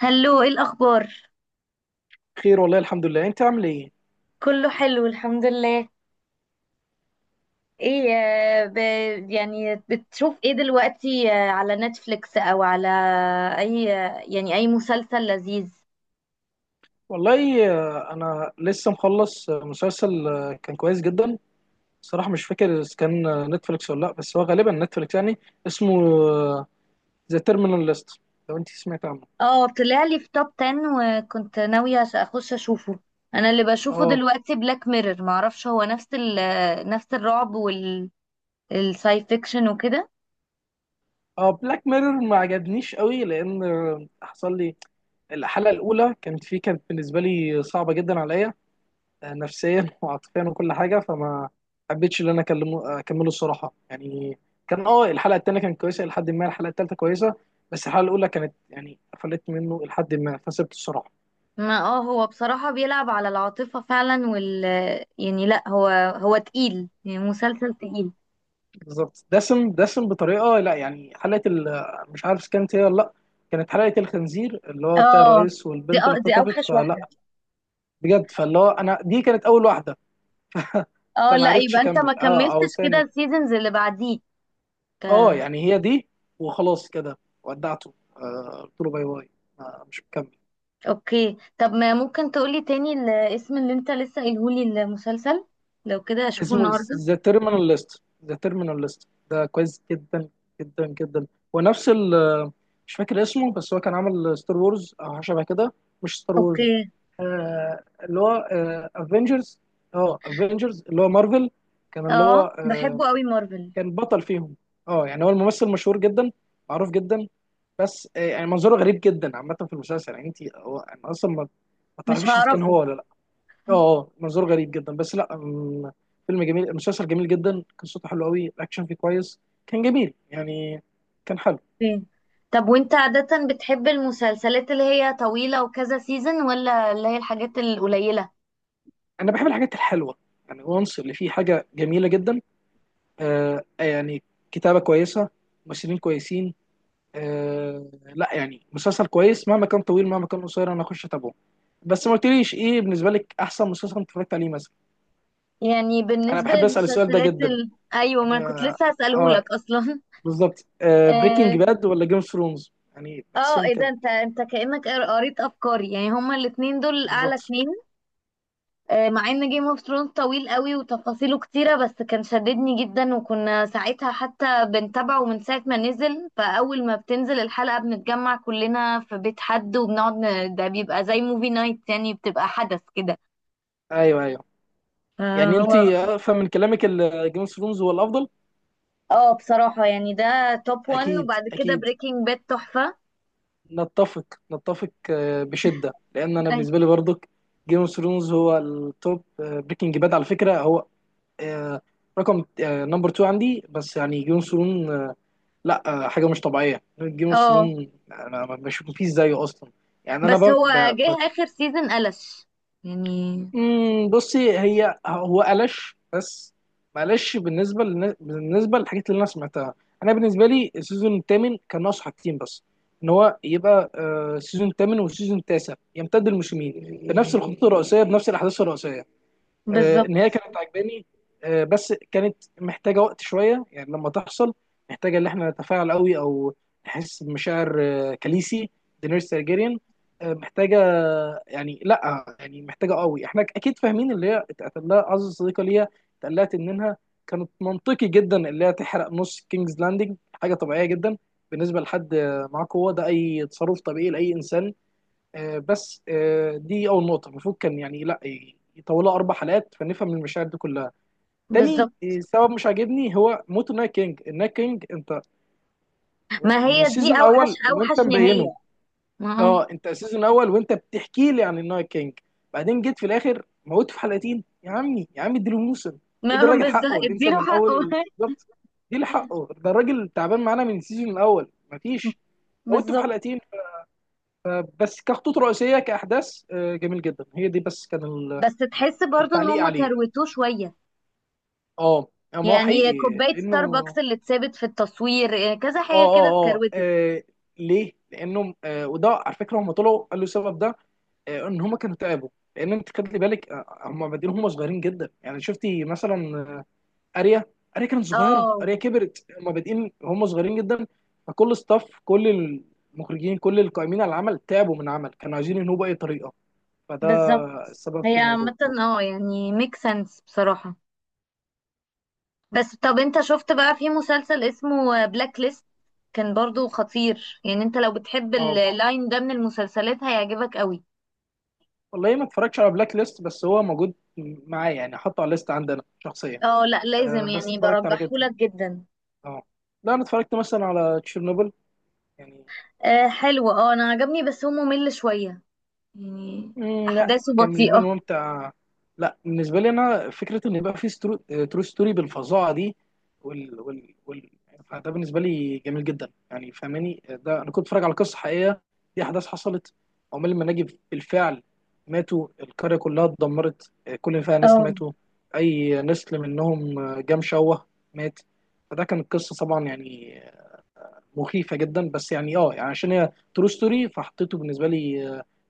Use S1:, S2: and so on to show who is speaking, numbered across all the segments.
S1: هلو، ايه الاخبار؟
S2: خير، والله الحمد لله. انت عامل ايه؟
S1: كله حلو الحمد لله. ايه يعني بتشوف ايه دلوقتي على نتفليكس او على اي يعني اي مسلسل لذيذ؟
S2: والله، انا لسه مخلص مسلسل كان كويس جدا. صراحة مش فاكر اذا كان نتفليكس ولا لا، بس هو غالبا نتفليكس يعني. اسمه ذا تيرمينال ليست. لو انت سمعت عنه.
S1: اه طلع لي في توب 10 وكنت ناوية اخش اشوفه. انا اللي بشوفه
S2: اه
S1: دلوقتي بلاك ميرور، معرفش هو نفس ال... آه، نفس الرعب والساي فيكشن وكده.
S2: اه، بلاك ميرور ما عجبنيش قوي، لان حصل لي الحلقة الاولى. كانت فيه، كانت بالنسبة لي صعبة جدا عليا نفسيا وعاطفيا وكل حاجه، فما حبيتش ان انا اكلمه اكمله الصراحه يعني. كان اه الحلقه الثانيه كانت كويسه، لحد ما الحلقه الثالثه كويسه، بس الحلقه الاولى كانت يعني قفلت منه لحد ما فسبت الصراحه.
S1: ما اه هو بصراحة بيلعب على العاطفة فعلا وال آه، يعني لا هو هو تقيل، يعني مسلسل تقيل.
S2: بالظبط، دسم دسم بطريقه، لا يعني حلقه مش عارف كانت هي ولا لا. كانت حلقه الخنزير اللي هو بتاع
S1: اه
S2: الرئيس
S1: دي
S2: والبنت اللي
S1: أو دي
S2: اختطفت،
S1: اوحش
S2: فلا
S1: واحده.
S2: بجد، فاللي هو انا دي كانت اول واحده.
S1: اه
S2: فما
S1: لا
S2: عرفتش
S1: يبقى انت
S2: اكمل،
S1: ما
S2: اه او
S1: كملتش كده
S2: تاني.
S1: السيزونز اللي بعديك.
S2: اه
S1: آه،
S2: يعني هي دي وخلاص كده. ودعته، قلت له باي باي. مش مكمل.
S1: اوكي، طب ما ممكن تقولي تاني الاسم اللي انت لسه قايلهولي المسلسل؟ لو كده اشوفه
S2: اسمه
S1: النهارده.
S2: ذا تيرمينال ليست. ذا تيرمينال ليست ده كويس جدا جدا جدا. ونفس ال، مش فاكر اسمه، بس هو كان عامل ستار وورز او حاجه شبه كده. مش ستار وورز،
S1: اوكي.
S2: آه اللي هو افنجرز. اه افنجرز اللي هو مارفل. كان اللي
S1: اه
S2: هو
S1: بحبه قوي مارفل.
S2: كان بطل فيهم. اه يعني هو الممثل مشهور جدا، معروف جدا. بس يعني منظره غريب جدا عامة في المسلسل، يعني انت هو انا اصلا ما
S1: مش
S2: تعرفيش اذا كان
S1: هعرفه.
S2: هو ولا لا. اه اه منظره غريب جدا، بس لا فيلم جميل، المسلسل جميل جدا، قصته حلوه قوي، الاكشن فيه كويس. كان جميل يعني، كان حلو.
S1: اوكي. طب وانت عادة بتحب المسلسلات اللي هي طويلة وكذا سيزون، ولا اللي هي الحاجات القليلة؟
S2: انا بحب الحاجات الحلوه. يعني وانس اللي فيه حاجه جميله جدا. يعني كتابه كويسه، ممثلين كويسين. آه لا، يعني مسلسل كويس، مهما كان طويل مهما كان قصير انا اخش اتابعه. بس ما قلتليش ايه بالنسبه لك احسن مسلسل انت اتفرجت عليه مثلا؟
S1: يعني
S2: انا
S1: بالنسبة
S2: بحب اسال السؤال ده جدا
S1: ايوه، ما
S2: يعني.
S1: أنا كنت لسه
S2: اه
S1: هسألهولك اصلا.
S2: بالظبط، آه بريكنج باد ولا جيم اوف ثرونز، يعني
S1: اه
S2: بحسهم
S1: ايه ده،
S2: كده.
S1: انت كأنك قريت افكاري، يعني هما الاتنين دول اعلى
S2: بالظبط،
S1: اتنين. مع ان جيم اوف ثرونز طويل قوي وتفاصيله كتيرة، بس كان شددني جدا، وكنا ساعتها حتى بنتابعه من ساعة ما نزل، فاول ما بتنزل الحلقة بنتجمع كلنا في بيت حد وبنقعد ده بيبقى زي موفي نايت، يعني بتبقى حدث كده.
S2: ايوه ايوه. يعني
S1: فهو
S2: انت افهم من كلامك جيم اوف ثرونز هو الافضل.
S1: اه بصراحة يعني ده توب وان،
S2: اكيد
S1: وبعد كده
S2: اكيد،
S1: بريكنج باد تحفة.
S2: نتفق نتفق، بشده. لان انا
S1: أي-
S2: بالنسبه لي برضك جيم اوف ثرونز هو التوب. بريكنج باد على فكره هو آه، رقم نمبر 2 عندي، بس يعني جيم اوف ثرونز لا حاجه مش طبيعيه. جيم اوف
S1: اه
S2: ثرون انا ما بشوف مفيش زيه اصلا. يعني انا
S1: بس هو جه اخر سيزون قلش يعني.
S2: بصي هي هو قلش، بس معلش. بالنسبه للحاجات اللي انا سمعتها، انا بالنسبه لي السيزون الثامن كان ناقص حاجتين بس. ان هو يبقى السيزون الثامن والسيزون التاسع يمتد الموسمين بنفس الخطوط الرئيسيه، بنفس الاحداث الرئيسيه. النهايه
S1: بالظبط
S2: كانت عجباني، بس كانت محتاجه وقت شويه يعني لما تحصل. محتاجه ان احنا نتفاعل قوي، او نحس بمشاعر كاليسي دينيريس تارجيريان. محتاجه يعني، لا يعني محتاجه قوي. احنا اكيد فاهمين اللي هي اتقتل لها اعز صديقه ليها، اتقلقت انها، كانت منطقي جدا اللي هي تحرق نص كينجز لاندنج، حاجه طبيعيه جدا. بالنسبه لحد معاه قوه ده اي تصرف طبيعي لاي انسان. آه، بس آه، دي اول نقطه، المفروض كان يعني لا يطولها اربع حلقات فنفهم المشاعر دي كلها. تاني
S1: بالظبط.
S2: سبب مش عاجبني هو موت النايت كينج. النايت كينج انت
S1: ما هي
S2: من
S1: دي
S2: السيزون
S1: اوحش
S2: الاول
S1: اوحش
S2: وانت مبينه.
S1: نهايه. ما هو
S2: اه انت السيزون الاول وانت بتحكي لي عن النايت كينج، بعدين جيت في الاخر موت في حلقتين؟ يا عمي يا عمي اديله موسم.
S1: ما
S2: ادي
S1: هو
S2: الراجل
S1: بالظبط،
S2: حقه، اللي انت
S1: اديله
S2: من
S1: حقه.
S2: اول بالظبط اديله حقه. ده الراجل تعبان معانا من السيزون الاول، مفيش موته في
S1: بالظبط.
S2: حلقتين. بس كخطوط رئيسيه، كاحداث جميل جدا هي دي، بس كان
S1: بس تحس برضو ان
S2: التعليق
S1: هم
S2: عليه
S1: كروتوه شويه،
S2: اه. ما هو
S1: يعني
S2: حقيقي
S1: كوبايه ستاربكس
S2: لانه،
S1: اللي اتثابت في التصوير كذا
S2: اه
S1: حاجه كده
S2: اه اه
S1: اتكروتت.
S2: ليه؟ لانه وده على فكره هم طلعوا قالوا السبب ده، ان هم كانوا تعبوا. لان انت خدلي بالك هم بادئين هم صغيرين جدا. يعني شفتي مثلا آه، اريا، اريا كانت صغيره،
S1: اه
S2: اريا كبرت. هم بادئين هم صغيرين جدا. فكل ستاف، كل المخرجين، كل القائمين على العمل تعبوا من العمل كانوا عايزين ينهوا باي طريقه. فده
S1: بالظبط.
S2: السبب
S1: هي
S2: في الموضوع.
S1: عامه اه يعني ميك سنس بصراحه. بس طب انت شفت بقى في مسلسل اسمه بلاك ليست؟ كان برضو خطير، يعني انت لو بتحب
S2: اه
S1: اللاين ده من المسلسلات هيعجبك قوي.
S2: والله ما اتفرجتش على بلاك ليست، بس هو موجود معايا يعني، حاطه على الليست عندنا شخصيا.
S1: اه لا
S2: آه
S1: لازم،
S2: بس
S1: يعني
S2: اتفرجت على كده،
S1: برجحهولك جدا.
S2: اه لا انا اتفرجت مثلا على تشيرنوبل، يعني.
S1: آه حلو، اه انا عجبني بس هو ممل شوية يعني،
S2: لا
S1: احداثه
S2: كان بالنسبه
S1: بطيئة.
S2: لي ممتع. لا بالنسبه لي انا فكره ان يبقى في ترو ستوري بالفظاعه دي، وال... وال... وال... فده بالنسبه لي جميل جدا يعني. فاهماني ده انا كنت بتفرج على قصه حقيقيه، دي احداث حصلت. عمال المناجم بالفعل ماتوا، القريه كلها اتدمرت، كل اللي فيها ناس
S1: اه
S2: ماتوا، اي نسل منهم جام شوه، مات. فده كانت قصه طبعا يعني مخيفه جدا، بس يعني اه يعني عشان هي ترو ستوري فحطيته بالنسبه لي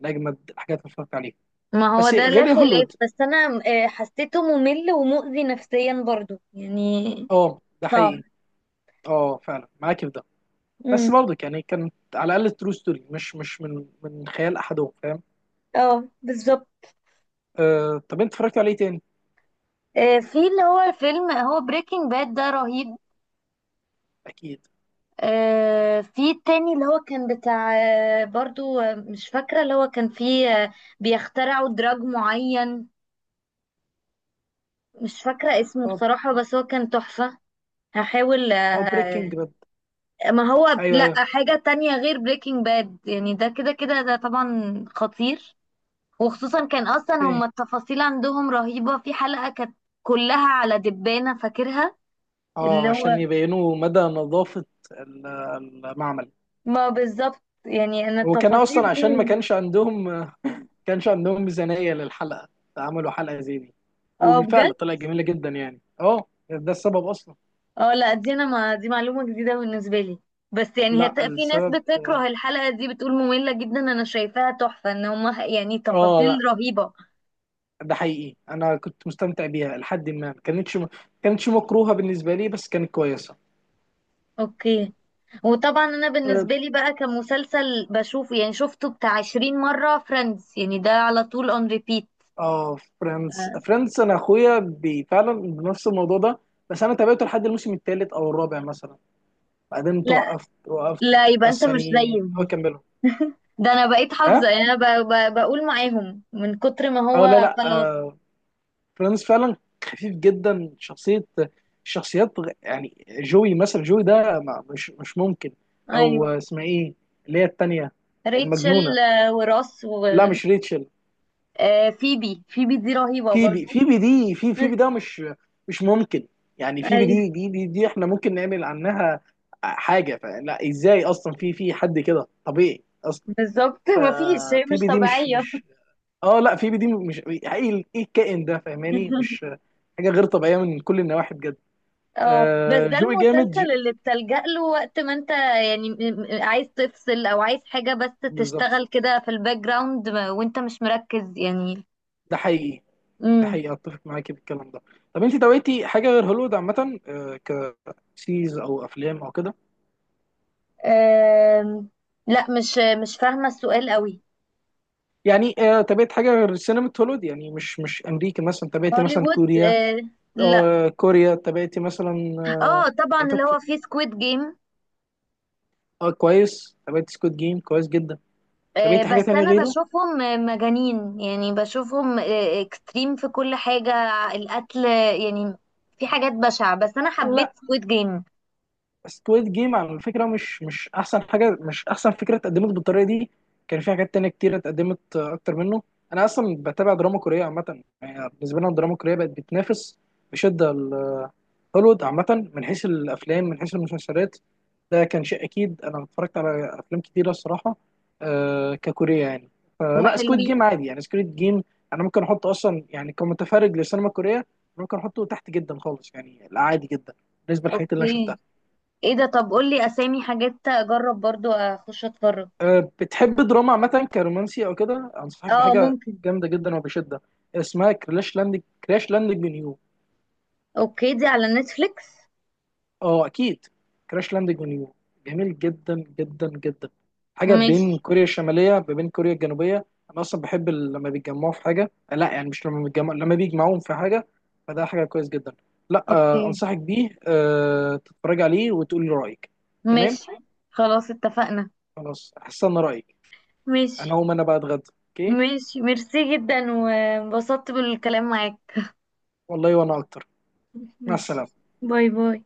S2: من اجمد الحاجات اللي اتفرجت عليها.
S1: ما هو
S2: بس
S1: ده لا
S2: غير
S1: خلاف،
S2: هوليوود،
S1: بس انا آه حسيته ممل ومؤذي نفسيا برضو يعني،
S2: اه ده
S1: صعب.
S2: حقيقي. اه فعلا معاك في ده.
S1: امم.
S2: بس برضه يعني كانت على الاقل ترو ستوري، مش مش من خيال احدهم، فاهم.
S1: اه بالظبط.
S2: آه طب انت اتفرجت عليه تاني؟
S1: آه في اللي هو فيلم، هو بريكنج باد ده رهيب.
S2: اكيد.
S1: آه في التاني اللي هو كان بتاع آه برضو آه، مش فاكرة، اللي هو كان فيه بيخترعوا دراج معين، مش فاكرة اسمه
S2: طب
S1: بصراحة، بس هو كان تحفة. هحاول
S2: طب بريكنج باد،
S1: ما هو
S2: ايوه
S1: لا
S2: ايوه.
S1: حاجة تانية غير بريكنج باد، يعني ده كده كده ده طبعا خطير. وخصوصا كان اصلا هما
S2: اوكي.
S1: التفاصيل عندهم رهيبة، في حلقة كانت كلها على دبانة فاكرها.
S2: اه
S1: اللي
S2: عشان
S1: هو
S2: يبينوا مدى نظافه ال- المعمل.
S1: ما بالظبط، يعني انا
S2: هو كان
S1: التفاصيل
S2: اصلا عشان ما
S1: دي.
S2: كانش عندهم ما كانش عندهم ميزانيه للحلقه، فعملوا حلقه زي دي،
S1: اه بجد.
S2: وبالفعل طلعت جميله جدا يعني. اه ده السبب اصلا.
S1: اه لا دي انا ما دي معلومة جديدة بالنسبة لي. بس يعني
S2: لا
S1: في ناس
S2: السبب
S1: بتكره الحلقة دي، بتقول مملة جدا، انا شايفاها تحفة، ان هما يعني تفاصيل
S2: اه
S1: رهيبة.
S2: ده حقيقي، انا كنت مستمتع بيها لحد ما كانتش مكروهه بالنسبه لي، بس كانت كويسه.
S1: اوكي. وطبعا انا
S2: اه
S1: بالنسبه لي بقى كمسلسل بشوفه، يعني شفته بتاع 20 مره، فريندز يعني ده على طول اون ريبيت.
S2: فريندز. فريندز انا اخويا فعلا بنفس الموضوع ده، بس انا تابعته لحد الموسم الثالث او الرابع مثلا، بعدين
S1: لا
S2: توقفت وقفته،
S1: لا يبقى انت
S2: بس
S1: مش
S2: يعني هو
S1: زيي.
S2: كمله.
S1: ده انا بقيت
S2: ها
S1: حافظه، يعني انا بقول معاهم من كتر ما
S2: اه لا
S1: هو،
S2: لا
S1: خلاص.
S2: آه فريندز فعلا خفيف جدا شخصيه. الشخصيات يعني جوي مثلا، جوي ده مش ممكن. او
S1: ايوه
S2: اسمها ايه، اللي هي التانيه المجنونه؟
S1: ريتشل. آه، وراس و
S2: لا مش ريتشل.
S1: آه، فيبي، فيبي دي رهيبه
S2: في بي،
S1: برضو.
S2: في بي دي، في في بي ده مش ممكن. يعني في بي
S1: ايوه
S2: دي دي احنا ممكن نعمل عنها حاجه، فلا ازاي اصلا في حد كده طبيعي اصلا.
S1: بالظبط، مفيش هي
S2: في
S1: مش
S2: بي دي مش
S1: طبيعيه.
S2: مش اه لا في بي دي مش ايه، ايه الكائن ده؟ فاهماني مش حاجه غير طبيعيه من كل النواحي بجد.
S1: اه بس
S2: آه
S1: ده
S2: جوي جامد
S1: المسلسل اللي بتلجأ له وقت ما انت يعني عايز تفصل او عايز حاجة بس
S2: بالظبط،
S1: تشتغل كده في الباك جراوند وانت مش مركز يعني.
S2: ده حقيقي، ده
S1: امم.
S2: حقيقي. اتفق معاكي في الكلام ده. طب انت دويتي حاجه غير هوليوود عامه، آه كسيز او افلام او كده؟
S1: آم، لا مش مش فاهمة السؤال قوي.
S2: يعني تابعت حاجه غير السينما الهوليوود، يعني مش مش امريكا. مثلا تابعت مثلا
S1: هوليوود
S2: كوريا؟
S1: لا.
S2: آه كوريا. تابعت مثلا
S1: اه طبعا اللي
S2: حتت-
S1: هو فيه سكويد جيم.
S2: كويس، تابعت سكوت جيم كويس جدا. تابعت حاجه
S1: بس
S2: تانية
S1: انا
S2: غيره؟
S1: بشوفهم مجانين، يعني بشوفهم اكستريم في كل حاجة، القتل يعني، في حاجات بشعة، بس انا حبيت
S2: لا
S1: سكويد جيم
S2: سكويد جيم على فكره مش مش احسن حاجه، مش احسن فكره اتقدمت بالطريقه دي. كان في حاجات تانية كتير اتقدمت اكتر منه. انا اصلا بتابع دراما كوريه عامه. يعني بالنسبه لنا الدراما الكوريه بقت بتنافس بشده هوليوود عامه من حيث الافلام من حيث المسلسلات. ده كان شيء اكيد، انا اتفرجت على افلام كتيره الصراحه ككوريه يعني. فلا سكويد جيم
S1: وحلوين.
S2: عادي يعني، سكويد جيم انا ممكن احطه اصلا يعني كمتفرج للسينما الكوريه ممكن احطه تحت جدا خالص يعني، لا عادي جدا بالنسبه للحاجات اللي انا شفتها.
S1: اوكي. ايه ده، طب قولي اسامي حاجات اجرب برضو اخش اتفرج.
S2: بتحب دراما عامة كرومانسي أو كده؟ أنصحك
S1: اه
S2: بحاجة
S1: ممكن.
S2: جامدة جدا وبشدة. اسمها كراش لاندنج، كراش لاندنج اون يو.
S1: اوكي دي على نتفليكس؟
S2: أه أكيد، كراش لاندنج اون يو، جميل جدا جدا جدا. حاجة
S1: ماشي.
S2: بين كوريا الشمالية ما بين كوريا الجنوبية. أنا أصلا بحب لما بيتجمعوا في حاجة، لا يعني مش لما بيتجمعوا، لما بيجمعوهم في حاجة. فده حاجة كويس جدا. لا
S1: اوكي.
S2: أنصحك بيه تتفرج عليه وتقول لي رأيك. تمام،
S1: ماشي خلاص، اتفقنا.
S2: خلاص هستنى رأيك.
S1: ماشي.
S2: أنا هقوم أنا بقى أتغدى. أوكي.
S1: ماشي، ميرسي جدا وانبسطت بالكلام معاك.
S2: والله وأنا أكتر. مع
S1: ماشي.
S2: السلامة.
S1: باي باي.